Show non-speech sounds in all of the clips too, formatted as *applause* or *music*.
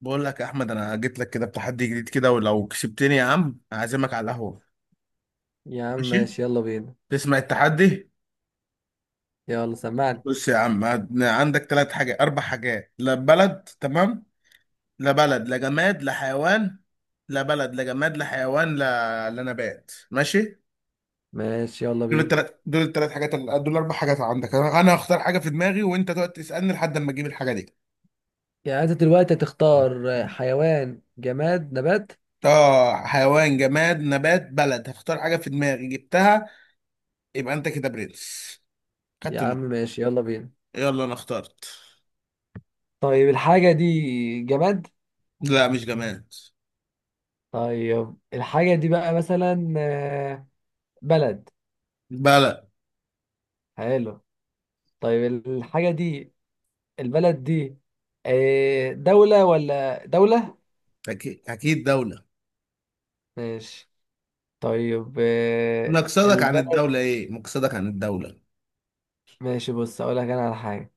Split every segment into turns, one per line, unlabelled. بقول لك يا احمد، انا جيت لك كده بتحدي جديد كده، ولو كسبتني يا عم اعزمك على القهوه.
يا عم،
ماشي.
ماشي، يلا بينا.
تسمع التحدي؟
يلا سمعني.
بص يا عم، عندك ثلاث حاجات، اربع حاجات، لا بلد، تمام. لا بلد، لا جماد، لا حيوان. لا بلد، لا جماد، لا حيوان، لا نبات، ماشي.
ماشي، يلا بينا.
دول الثلاث حاجات، دول اربع حاجات عندك. أنا هختار حاجه في دماغي، وانت تقعد تسالني لحد ما اجيب الحاجه دي.
يعني انت دلوقتي هتختار حيوان، جماد، نبات؟
اه، حيوان، جماد، نبات، بلد. هختار حاجه في دماغي، جبتها. يبقى انت كده برنس.
يا
خدت
عم،
نقطه.
ماشي، يلا بينا.
يلا، انا اخترت.
طيب، الحاجة دي جماد؟
لا مش جماد.
طيب، الحاجة دي بقى مثلا بلد.
بلد.
حلو. طيب، الحاجة دي، البلد دي دولة ولا دولة؟
اكيد اكيد دولة.
ماشي. طيب،
مقصدك عن
البلد.
الدولة ايه؟ مقصدك عن الدولة؟
ماشي، بص اقول لك انا على حاجة.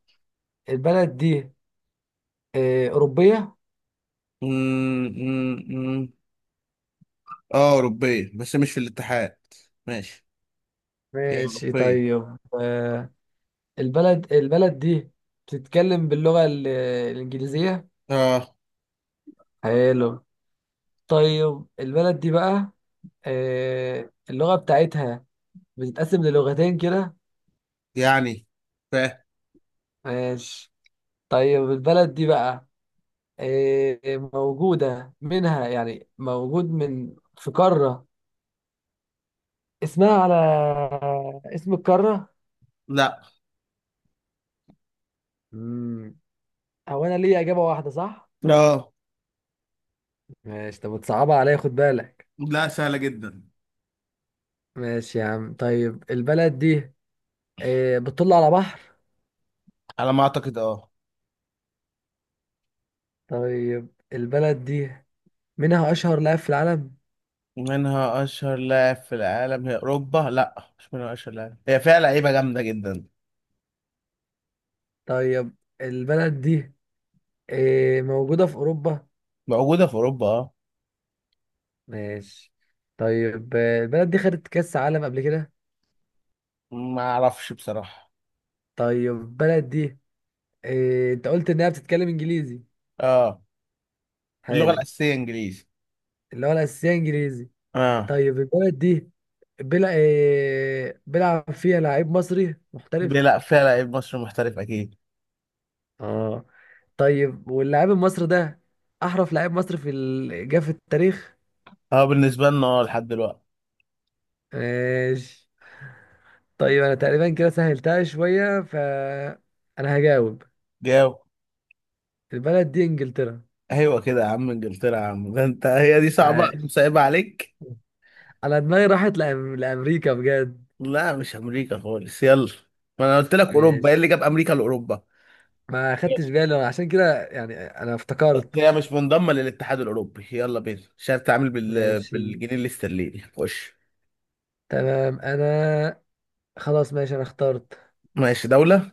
البلد دي أوروبية؟
مم، مم، مم. اه اوروبية، بس مش في الاتحاد. ماشي. هي
ماشي.
اوروبية.
طيب، البلد دي بتتكلم باللغة الإنجليزية؟
اه.
حلو. طيب، البلد دي بقى اللغة بتاعتها بتتقسم للغتين كده؟
يعني. فاهم.
ماشي. طيب، البلد دي بقى آه، موجودة منها، يعني موجود من في قارة اسمها على اسم القارة؟
لا.
مم. هو أنا ليا إجابة واحدة، صح؟
اه.
ماشي. طب بتصعبها عليا، خد بالك.
لا سهلة جدا.
ماشي يا عم. طيب، البلد دي بتطل على بحر؟
على ما اعتقد اه.
طيب، البلد دي منها أشهر لاعب في العالم؟
منها اشهر لاعب في العالم؟ هي اوروبا، لا مش منها اشهر لاعب، هي فيها لعيبة جامدة جدا.
طيب، البلد دي موجودة في أوروبا؟
موجودة في اوروبا، اه.
ماشي. طيب، البلد دي خدت كأس عالم قبل كده؟
ما اعرفش بصراحة.
طيب، البلد دي أنت قلت إنها بتتكلم إنجليزي.
اه. اللغة
حلو.
الأساسية إنجليزي.
اللي هو الأساسية إنجليزي.
اه.
طيب، البلد دي بيلعب فيها لعيب مصري محترف؟
لا، فيها لعيب مصري محترف أكيد.
اه. طيب، واللاعب المصري ده احرف لاعب مصري جه في التاريخ؟
اه، بالنسبة لنا، اه، لحد دلوقتي.
ماشي. طيب، انا تقريبا كده سهلتها شويه، ف انا هجاوب.
جاوب.
البلد دي انجلترا.
أيوة كده يا عم، إنجلترا يا عم. ده أنت، هي دي صعبة، أنا
عاش.
مصعبة عليك.
انا دماغي راحت لامريكا بجد.
لا مش أمريكا خالص، يلا. ما أنا قلت لك أوروبا، إيه
ماشي.
اللي جاب أمريكا لأوروبا؟
ما خدتش بالي أنا عشان كده، يعني انا
بس
افتكرت.
هي مش منضمة للاتحاد الأوروبي، يلا بينا عشان تتعامل
ماشي،
بالجنيه الاسترليني، خش.
تمام. انا خلاص. ماشي، انا اخترت.
ماشي. دولة.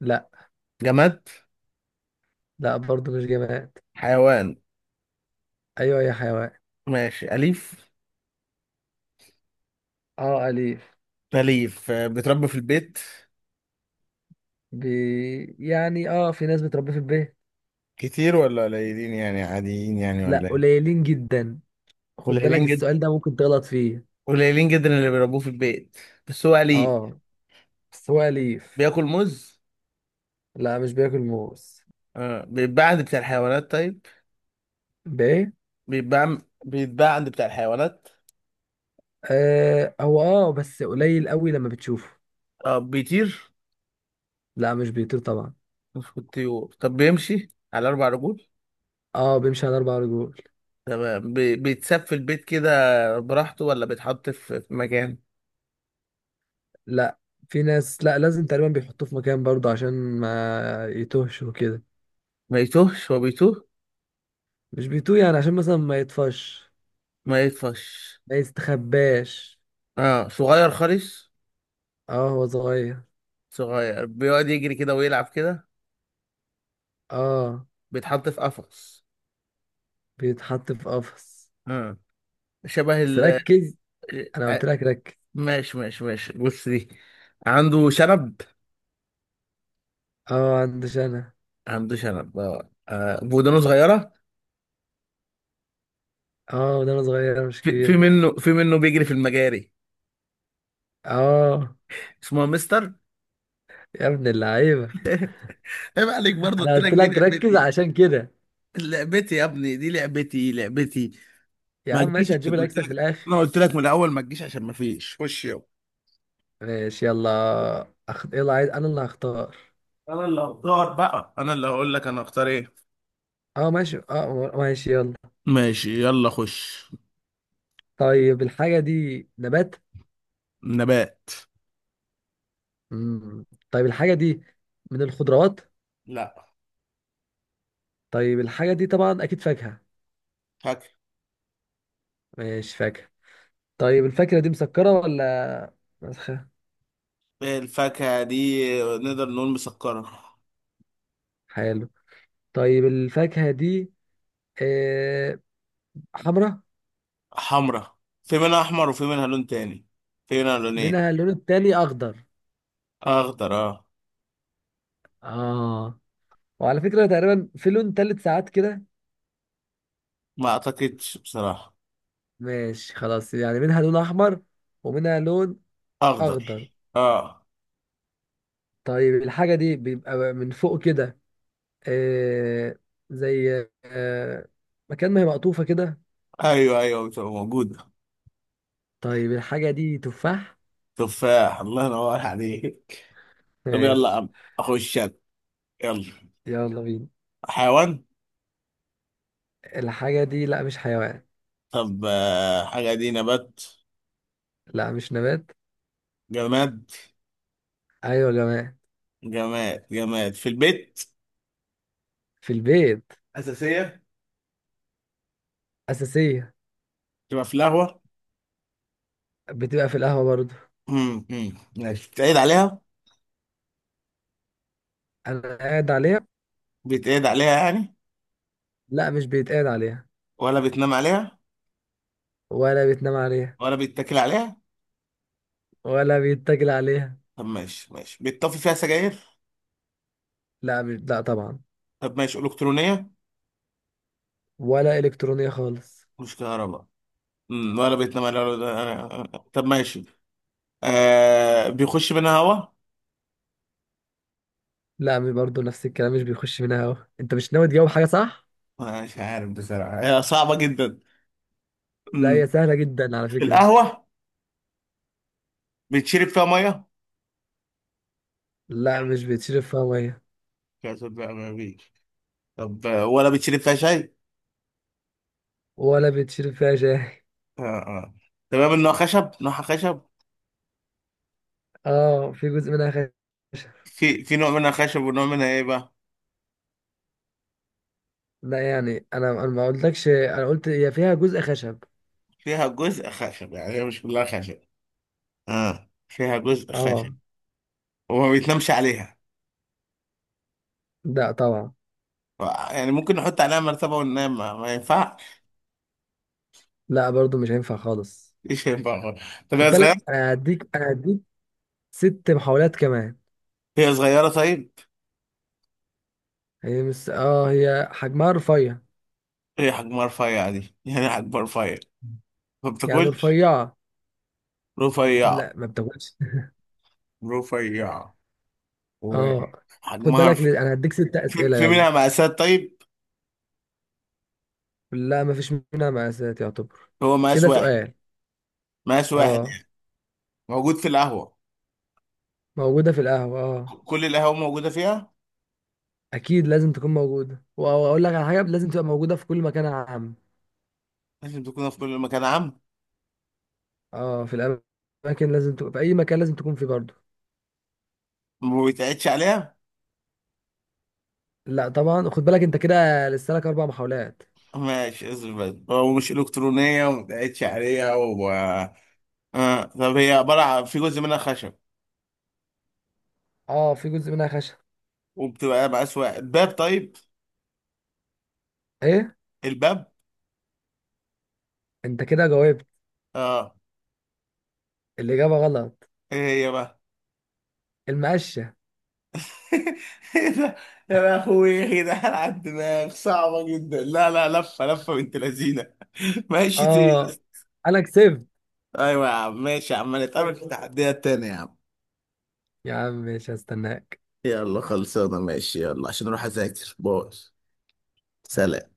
لا.
جماد.
لا، برضو مش جماد.
حيوان.
ايوه، يا حيوان.
ماشي، أليف.
اه، اليف.
أليف، بتربى في البيت.
يعني في ناس بتربيه في البيت.
كتير ولا قليلين؟ يعني عاديين يعني
لا،
ولا ايه؟
قليلين جدا. خد بالك،
قليلين جدا.
السؤال ده ممكن تغلط فيه.
قليلين جدا اللي بيربوه في البيت، بس هو قليل.
اه، بس هو أليف.
بياكل موز.
لا، مش بياكل موز.
آه. بيتباع عند بتاع الحيوانات، طيب.
بايه؟
بيتباع. بيتباع عند بتاع الحيوانات.
آه، هو بس قليل قوي لما بتشوفه.
آه. بيطير.
لا، مش بيطير طبعا.
مش في الطيور؟ طب بيمشي على أربع رجول؟
اه، بيمشي على 4 رجول.
تمام. بيتساب في البيت كده براحته ولا بيتحط في مكان؟
لا، في ناس، لا، لازم تقريبا بيحطوه في مكان برضه عشان ما يتوهش وكده.
ما يتوهش؟ هو بيتوه؟
مش بيتوه، يعني عشان مثلا ما يطفش.
ما يطفش.
ما يستخباش.
اه صغير خالص.
اه، هو صغير.
صغير بيقعد يجري كده ويلعب كده.
اه،
بيتحط في قفص.
بيتحط في قفص.
آه. شبه
بس
ال.
ركز. انا
ع-
قلت لك ركز.
ماشي ماشي ماشي، بص دي. عنده شنب.
اه، عندش انا.
عنده شنب اه. ودانه صغيرة.
اه، ده انا صغير مش
في, في
كبير.
منه في منه بيجري في المجاري.
اه.
اسمه مستر.
يا ابن اللعيبه.
*laughs* عيب عليك برضه،
انا
قلت لك
قلت
دي
لك ركز
لعبتي.
عشان كده.
لعبتي يا ابني، دي لعبتي لعبتي.
يا
ما
عم،
تجيش،
ماشي، هنجيب
عشان قلت
الاكسب في
لك،
الاخر.
انا قلت لك من الاول ما تجيش عشان ما فيش. خش يلا.
ماشي، يلا. يلا، عايز انا اللي هختار.
انا اللي هختار بقى، انا اللي هقول لك انا هختار ايه.
اه، ماشي، اه، ماشي، يلا.
ماشي يلا خش.
طيب، الحاجه دي نبات؟
نبات.
مم. طيب، الحاجه دي من الخضروات؟
لا.
طيب، الحاجه دي طبعا اكيد فاكهه؟
فاكهة.
ماشي، فاكهه. طيب، الفاكهه دي مسكره ولا مسخه؟
الفاكهة دي نقدر نقول مسكرة.
حلو. طيب، الفاكهه دي آه، حمراء؟
حمرة. في منها أحمر وفي منها لون تاني. في منها لونين.
منها اللون التاني اخضر؟
أخضر، أه.
اه. وعلى فكره، تقريبا في لون تالت ساعات كده.
ما أعتقدش بصراحة.
ماشي، خلاص. يعني منها لون احمر، ومنها لون
أخضر،
اخضر.
أه.
طيب، الحاجه دي بيبقى من فوق كده، آه زي مكان ما هي مقطوفه كده.
أيوه أيوه، بتبقى موجودة.
طيب، الحاجه دي تفاح؟
تفاح، الله ينور عليك. طب يلا يا
ماشي.
عم. أخش أنا. يلا.
يلا بينا.
حيوان.
الحاجه دي، لا، مش حيوان.
طب، حاجة دي نبات.
لا، مش نبات.
جماد.
ايوه، يا جماعه.
جماد جماد في البيت.
في البيت.
أساسية.
اساسيه.
تبقى في القهوة.
بتبقى في القهوه برضو.
مم، مم. ماشي، بتعيد عليها.
انا قاعد عليها.
بيتقعد عليها يعني؟
لا، مش بيتقال عليها.
ولا بتنام عليها؟
ولا بيتنام عليها.
ولا بيتاكل عليها؟
ولا بيتاكل عليها.
طب ماشي، ماشي، بيتطفي فيها سجاير؟
لا مش، لا طبعا.
طب ماشي، الكترونيه.
ولا إلكترونية خالص.
مش كهرباء. ولا بيتنام عليها ولا. طب ماشي. آه، بيخش منها هوا؟
لا، برضه نفس الكلام، مش بيخش منها هوا، انت مش ناوي تجاوب حاجة، صح؟
مش عارف بصراحه، هي صعبه جدا.
لا، هي
امم.
سهلة جدا على فكرة.
القهوه. بتشرب فيها ميه؟
لا،
يعني.
مش بيتشرب فيها مية.
كاسات بقى ما فيش. طب، ولا بتشرب فيها شاي؟
ولا بيتشرب فيها شاي.
آه آه. تمام، انه خشب، نوعها خشب.
اه، في جزء منها خشب.
في نوع منها خشب ونوع منها ايه بقى؟
لا يعني انا ما قلتلكش، انا قلت هي فيها جزء خشب.
فيها جزء خشب، يعني هي مش كلها خشب. اه فيها جزء خشب.
اه.
وما بيتنامش عليها.
لا طبعا.
يعني ممكن نحط عليها مرتبة وننام، ما ينفعش؟
لا، برضه مش هينفع خالص.
*laughs* مش هينفع خالص. طب
خد
هي
بالك،
صغيرة؟
انا هديك 6 محاولات كمان.
هي صغيرة، طيب.
هي مش اه هي حجمها رفيع.
هي حجمها رفيع. دي يعني حجمها رفيع. ما
يعني
بتاكلش.
رفيعة.
رفيع.
لا، ما بتاكلش.
رفيع.
اه. خد
وحجمها
بالك،
رفيع.
انا هديك ست
في
اسئلة
في
يلا.
منها مقاسات طيب؟
لا، ما فيش منها مقاسات يعتبر.
هو مقاس
كده
واحد؟
سؤال.
مقاس واحد
اه.
يعني. موجود في القهوة.
موجودة في القهوة، اه.
كل القهوة موجودة فيها.
اكيد لازم تكون موجودة، واقول لك على حاجة لازم تبقى موجودة في كل مكان عام.
لازم تكون في كل مكان عام.
اه، في الاماكن لازم تكون، في اي مكان لازم تكون فيه برضه.
ما بيتقعدش عليها.
لا طبعا. خد بالك، انت كده لسه لك 4 محاولات.
ماشي، اصبر بس. هو مش إلكترونية وما بيتقعدش عليها و... آه. طب هي عبارة في جزء منها خشب.
اه، في جزء منها خشب.
وبتبقى مقاس واحد. باب، طيب.
ايه؟
الباب.
انت كده جاوبت.
اه.
الاجابة غلط.
ايه. هي بقى.
المقشة.
*laughs* ايه ده. يا اخوي ايه ده، على الدماغ صعبة جدا. لا لا، لفة لفة بنت لذينة. *laughs* ماشي،
اه.
تيز.
انا كسبت.
ايوه يا عم، ماشي يا عم، نتقابل في التحديات تاني يا عم.
يا عم، مش هستناك.
يلا خلصانة، ماشي يلا، عشان اروح اذاكر. باي. سلام.